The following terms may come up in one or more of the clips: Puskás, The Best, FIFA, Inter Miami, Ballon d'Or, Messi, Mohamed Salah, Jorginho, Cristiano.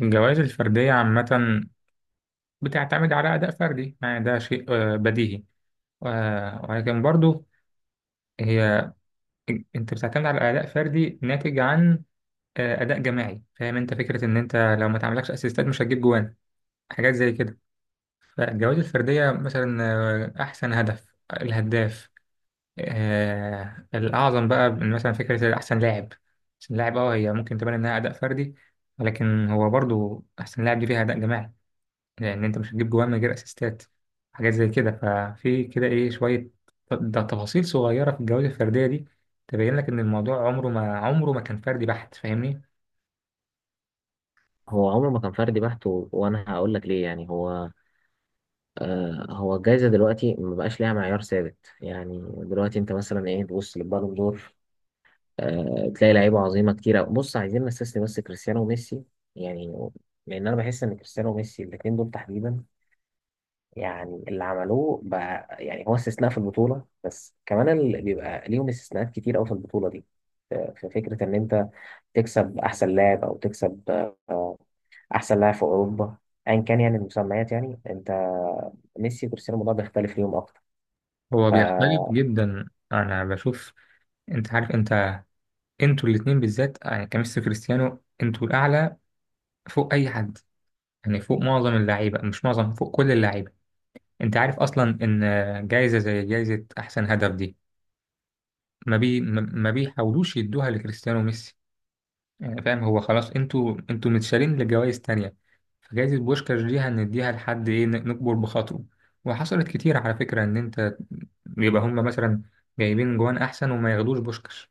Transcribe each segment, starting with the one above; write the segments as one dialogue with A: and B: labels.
A: الجوائز الفردية عامة بتعتمد على أداء فردي، يعني ده شيء بديهي. ولكن برضو هي أنت بتعتمد على أداء فردي ناتج عن أداء جماعي. فاهم أنت فكرة إن أنت لو ما تعملكش أسيستات مش هتجيب جوان، حاجات زي كده. فالجوائز الفردية مثلا أحسن هدف، الهداف الأعظم بقى، مثلا فكرة أحسن لاعب. أحسن لاعب أه هي ممكن تبان إنها أداء فردي، ولكن هو برضو أحسن لاعب دي فيها أداء جماعي، لأن أنت مش هتجيب جوان من غير أسيستات، حاجات زي كده. ففي كده إيه شوية ده تفاصيل صغيرة في الجوائز الفردية دي تبين لك إن الموضوع عمره ما كان فردي بحت. فاهمني،
B: هو عمره ما كان فردي بحت وانا هقول لك ليه. يعني هو الجائزه دلوقتي ما بقاش ليها معيار ثابت. يعني دلوقتي انت مثلا ايه، تبص للبالون دور، تلاقي لعيبه عظيمه كتير أوي. بص، عايزين نستثني بس كريستيانو وميسي، يعني لان انا بحس ان كريستيانو وميسي الاثنين دول تحديدا، يعني اللي عملوه بقى يعني هو استثناء في البطوله، بس كمان اللي بيبقى ليهم استثناءات كتير قوي في البطوله دي. في فكره ان انت تكسب احسن لاعب او تكسب آه، احسن لاعب في اوروبا، ايا كان يعني المسميات. يعني انت ميسي وكريستيانو الموضوع بيختلف ليهم اكتر.
A: هو بيختلف
B: فانا
A: جدا. أنا بشوف أنت عارف، أنت أنتوا الاتنين بالذات، يعني كميسي وكريستيانو أنتوا الأعلى فوق أي حد، يعني فوق معظم اللعيبة، مش معظم، فوق كل اللعيبة. أنت عارف أصلا إن جايزة زي جايزة أحسن هدف دي ما بي ما ما بيحاولوش يدوها لكريستيانو وميسي، يعني فاهم. هو خلاص انتوا متشالين لجوائز تانية، فجائزة بوشكاش دي هنديها لحد ايه نكبر بخاطره. وحصلت كتير، على فكرة، ان انت يبقى هم مثلا جايبين جوان احسن وما ياخدوش بوشكاش.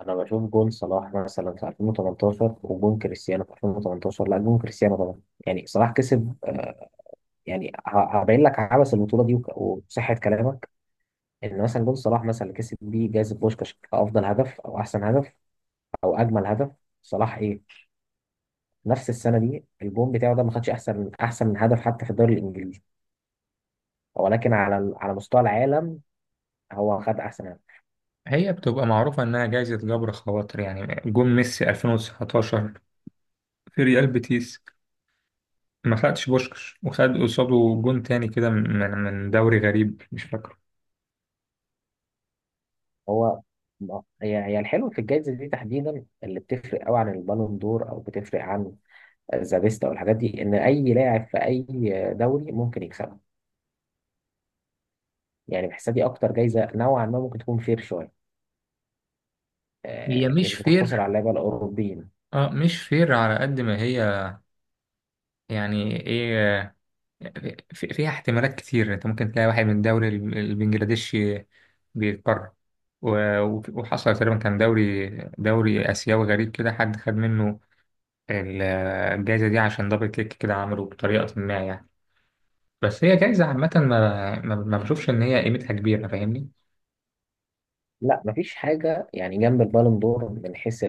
B: بشوف جون صلاح مثلا في 2018، وجون كريستيانو في 2018، لا جون كريستيانو طبعا. يعني صلاح كسب، يعني هبين لك عبث البطوله دي وك- وصحه كلامك. ان مثلا جون صلاح مثلا اللي كسب بيه جائزه بوشكاش كافضل هدف او احسن هدف او اجمل هدف، صلاح ايه نفس السنه دي الجون بتاعه ده ما خدش احسن، من هدف حتى في الدوري الانجليزي، ولكن على على مستوى العالم هو خد احسن لاعب.
A: هي بتبقى معروفة انها جائزة جبر خواطر، يعني جون ميسي 2019 في ريال بيتيس ما خدش بوشكاش، وخد قصاده جون تاني كده من دوري غريب مش فاكره.
B: هو هي الحلو في الجائزه دي تحديدا، اللي بتفرق قوي عن البالون دور او بتفرق عن ذا بيست او الحاجات دي، ان اي لاعب في اي دوري ممكن يكسبها. يعني بحسها دي اكتر جائزه نوعا ما ممكن تكون فير شويه،
A: هي
B: مش
A: مش
B: بتقتصر على
A: فير،
B: اللعيبه الاوروبيين.
A: اه مش فير على قد ما هي، يعني ايه، فيها احتمالات كتير. انت ممكن تلاقي واحد من الدوري البنجلاديشي بيتقرر، وحصل تقريبا، كان دوري اسيوي غريب كده، حد خد منه ال- الجايزه دي عشان دبل كيك كده عمله بطريقه ما يعني. بس هي جايزه عامه، ما ما ما بشوفش ان هي قيمتها كبيره، فاهمني.
B: لا مفيش حاجه يعني جنب البالون دور من حيث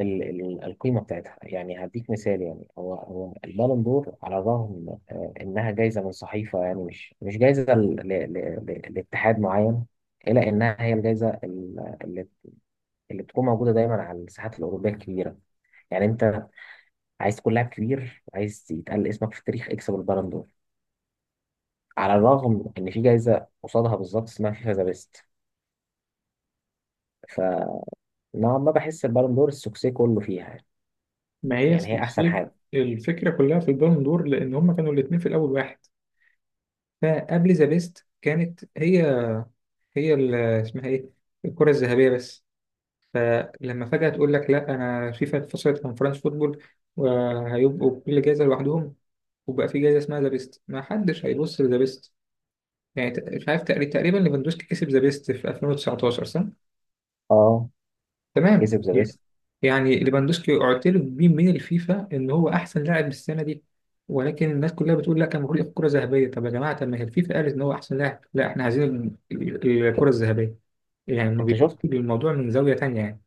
B: القيمة بتاعتها. يعني هديك مثال، يعني هو البالون دور على الرغم إنها جايزة من صحيفة، يعني مش جايزة لاتحاد معين، إلا إنها هي الجايزة اللي اللي بتكون موجودة دايما على الساحات الأوروبية الكبيرة. يعني أنت عايز تكون لاعب كبير، عايز يتقال اسمك في التاريخ، اكسب البالون دور. على الرغم إن في جايزة قصادها بالظبط اسمها فيفا ذا بيست، فنوعا ما بحس البالون دور السوكسي كله فيها.
A: ما هي
B: يعني هي أحسن
A: سلسلة
B: حاجة.
A: الفكرة كلها في البالون دور، لأن هما كانوا الاتنين في الأول واحد، فقبل ذا بيست كانت هي اسمها إيه، الكرة الذهبية بس. فلما فجأة تقول لك لا أنا فيفا اتفصلت عن فرنسا فوتبول وهيبقوا كل جايزة لوحدهم، وبقى في جايزة اسمها ذا بيست، ما حدش هيبص لذا بيست. يعني مش عارف، تقريبا ليفاندوسكي كسب ذا بيست في 2019 صح؟
B: أه،
A: تمام.
B: كسب ذا
A: Yeah.
B: بيست.
A: يعني ليفاندوسكي اعترف بيه من الفيفا إن هو أحسن لاعب السنة دي، ولكن الناس كلها بتقول لا، كان المفروض ياخد كرة ذهبية. طب يا جماعة، طب ما هي الفيفا قالت إن هو أحسن لاعب. لا، إحنا عايزين الكرة الذهبية. يعني ما
B: انت
A: بيبقوش
B: شفت
A: الموضوع من زاوية تانية يعني.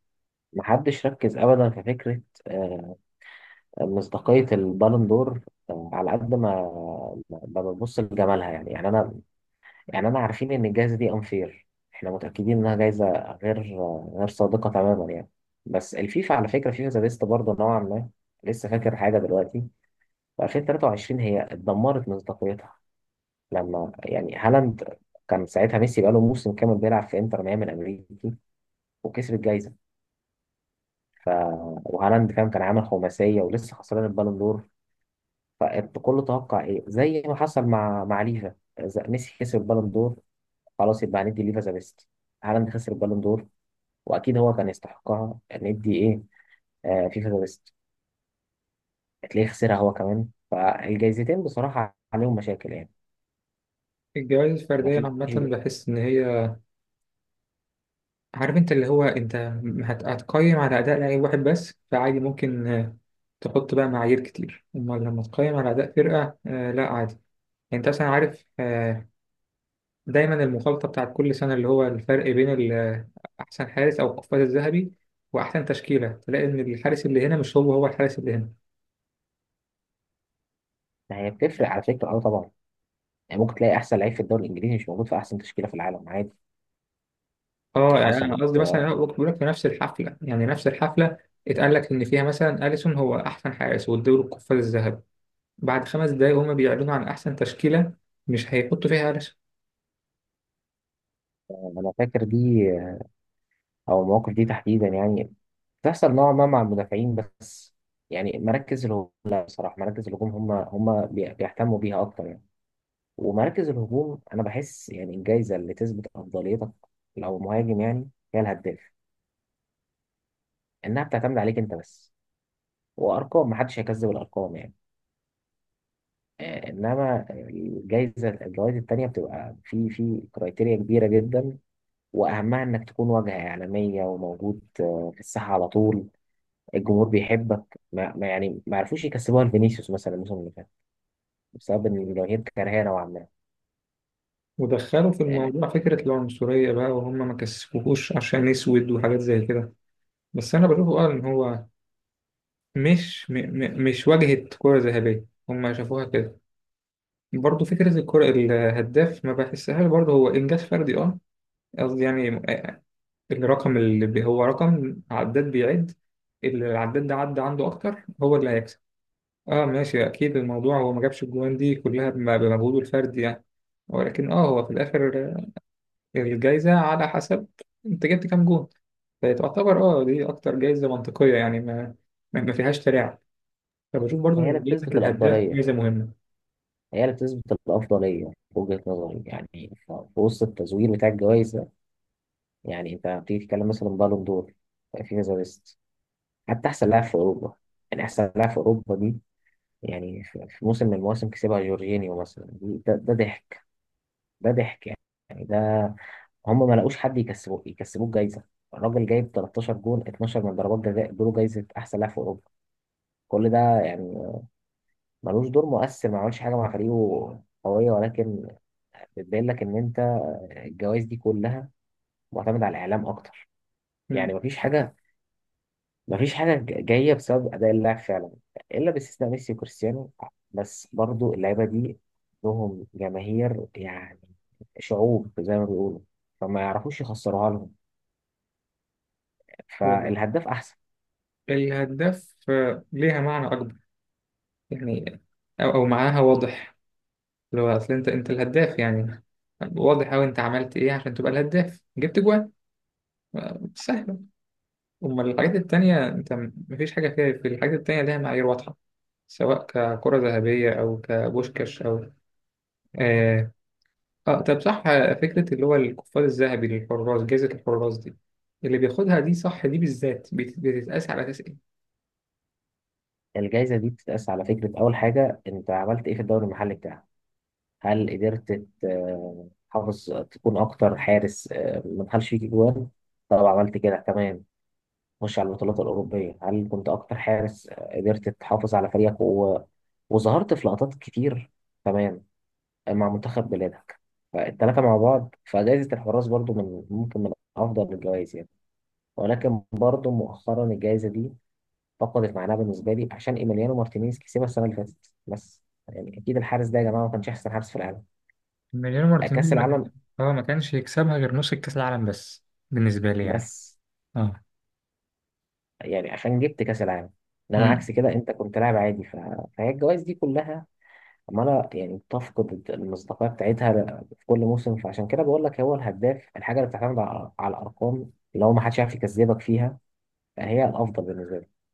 B: محدش ركز ابدا في فكره آه، مصداقيه البالون دور، على قد ما ببص لجمالها. يعني انا عارفين ان الجائزه دي انفير، احنا متاكدين انها جائزه غير غير صادقه تماما يعني. بس الفيفا على فكره، فيفا ذا بيست برضه نوعا ما، لسه فاكر حاجه دلوقتي، في 2023 هي اتدمرت مصداقيتها. لما يعني هالاند، كان ساعتها ميسي بقاله موسم كامل بيلعب في انتر ميامي الامريكي وكسب الجائزه. ف وهالاند فاهم كان عامل خماسيه ولسه خسران البالون دور. فالكل توقع ايه زي ما حصل مع ليفا، إذا ميسي خسر البالون دور خلاص يبقى هندي ليفا ذا بيست. هالاند خسر البالون دور، واكيد هو كان يستحقها، ندي ايه؟ فيفا ذا بيست، هتلاقيه خسرها هو كمان. فالجايزتين بصراحه عليهم مشاكل يعني،
A: الجوائز
B: ما
A: الفردية
B: فيش.
A: عامة بحس إن هي، عارف انت، اللي هو انت هتقيم على اداء لعيب واحد بس، فعادي ممكن تحط بقى معايير كتير. اما لما تقيم على اداء فرقه لا عادي. يعني انت اصلا عارف دايما المخالطه بتاعت كل سنه، اللي هو الفرق بين احسن حارس او القفاز الذهبي واحسن تشكيله، تلاقي ان الحارس اللي هنا مش هو الحارس اللي هنا.
B: هي بتفرق على فكره، اه طبعا. يعني ممكن تلاقي احسن لعيب في الدوري الانجليزي مش موجود في احسن تشكيله في العالم، عادي. دي
A: اه يعني انا
B: حصلت،
A: قصدي مثلا، انا بقول لك في نفس الحفله، يعني نفس الحفله اتقال لك ان فيها مثلا اليسون هو احسن حارس والدوري القفاز الذهبي، بعد خمس دقايق هما بيعلنوا عن أحسن تشكيلة، مش هيحطوا فيها قلش.
B: انا فاكر دي، او المواقف دي تحديدا يعني تحصل نوعا ما مع المدافعين بس. يعني مراكز الهجوم لا، بصراحة مراكز الهجوم هم بيهتموا بيها أكتر يعني. ومراكز الهجوم أنا بحس يعني الجايزة اللي تثبت أفضليتك لو مهاجم يعني هي الهداف، إنها بتعتمد عليك أنت بس، وأرقام محدش هيكذب الأرقام يعني. إنما الجايزة، الجوائز التانية بتبقى في كرايتيريا كبيرة جدا، وأهمها إنك تكون واجهة إعلامية وموجود في الساحة على طول. الجمهور بيحبك، ما عرفوش يكسبوها لفينيسيوس مثلا الموسم اللي فات بسبب إن الجماهير كارهاه نوعا ما.
A: ودخلوا في
B: آه،
A: الموضوع فكرة العنصرية بقى، وهم ما كسفوهوش عشان أسود وحاجات زي كده. بس أنا بشوفه اه إن هو مش م م مش واجهة كرة ذهبية، هم شافوها كده. برضه فكرة الكرة الهداف، ما بحسهاش برضه هو إنجاز فردي، اه قصدي يعني الرقم هو رقم عداد بيعد، اللي العداد ده عدى عنده أكتر هو اللي هيكسب. اه ماشي، اكيد الموضوع هو ما جابش الجوان دي كلها بمجهوده الفردي يعني، ولكن اه هو في الاخر الجايزه على حسب انت جبت كام جون، فتعتبر اه دي اكتر جايزه منطقيه، يعني ما ما ما فيهاش تلاعب. فبشوف برضو
B: هي اللي
A: ان جايزه
B: بتثبت
A: الهداف
B: الأفضلية،
A: جايزه مهمه.
B: هي اللي بتثبت الأفضلية في وجهة نظري. يعني في وسط التزوير بتاع الجوائز ده، يعني أنت بتيجي تتكلم مثلا بالون دور في كذا ليست، حتى أحسن لاعب في أوروبا. يعني أحسن لاعب في أوروبا دي يعني في موسم من المواسم كسبها جورجينيو مثلا، ده ضحك، ده ضحك يعني. يعني ده هم ما لقوش حد يكسبوه، جايزة. الراجل جايب 13 جول، 12 من ضربات جزاء، ادوله جايزة أحسن لاعب في أوروبا. كل ده يعني ملوش دور مؤثر، ما عملش حاجة مع فريقه قوية. ولكن بتبين لك إن أنت الجوائز دي كلها معتمدة على الإعلام أكتر. يعني
A: مم.
B: مفيش حاجة، مفيش حاجة جاية بسبب أداء اللاعب فعلا، إلا باستثناء ميسي وكريستيانو. بس برضو اللعيبة دي لهم جماهير يعني، شعوب زي ما بيقولوا، فما يعرفوش يخسروها لهم.
A: هو
B: فالهداف أحسن.
A: الهداف ليها معنى اكبر، يعني او أو معناها واضح، اللي هو اصل انت، انت الهداف يعني واضح أوي. أنت عملت إيه عشان تبقى الهداف؟ جبت جوان، سهل. أما الحاجات التانية أنت مفيش حاجة فيها، في الحاجات التانية ليها معايير واضحة، سواء ككرة ذهبية أو كبوشكاش أو آه, آه طب صح، فكرة اللي هو القفاز الذهبي للحراس، جائزة الحراس دي اللي بياخدها دي صح، دي بالذات بتتقاس على أساس إيه؟
B: الجايزة دي بتتقاس على فكرة، أول حاجة أنت عملت إيه في الدوري المحلي بتاعك؟ هل قدرت تحافظ تكون أكتر حارس ما دخلش فيك جوان؟ طب عملت كده، تمام، خش على البطولات الأوروبية، هل كنت أكتر حارس قدرت تحافظ على فريقك و... وظهرت في لقطات كتير؟ تمام، مع منتخب بلادك. فالتلاتة مع بعض، فجائزة الحراس برضو من ممكن من أفضل الجوائز يعني. ولكن برضو مؤخرا الجائزة دي فقدت معناها بالنسبة لي عشان إيميليانو مارتينيز كسبها السنة اللي فاتت، بس يعني أكيد الحارس ده يا جماعة ما كانش أحسن حارس في العالم.
A: ماريانو
B: كأس
A: مارتينيز ما
B: العالم
A: كان- اه ما كانش يكسبها غير نص الكاس العالم بس، بالنسبه لي يعني،
B: بس، يعني عشان جبت كاس العالم. انما
A: اه
B: عكس كده انت كنت لاعب عادي. ف... فهي الجوائز دي كلها عماله يعني بتفقد المصداقيه بتاعتها في كل موسم. فعشان كده بقول لك هو الهداف الحاجه اللي بتعتمد على الارقام، لو ما حدش يعرف يكذبك فيها فهي الافضل بالنسبه لي.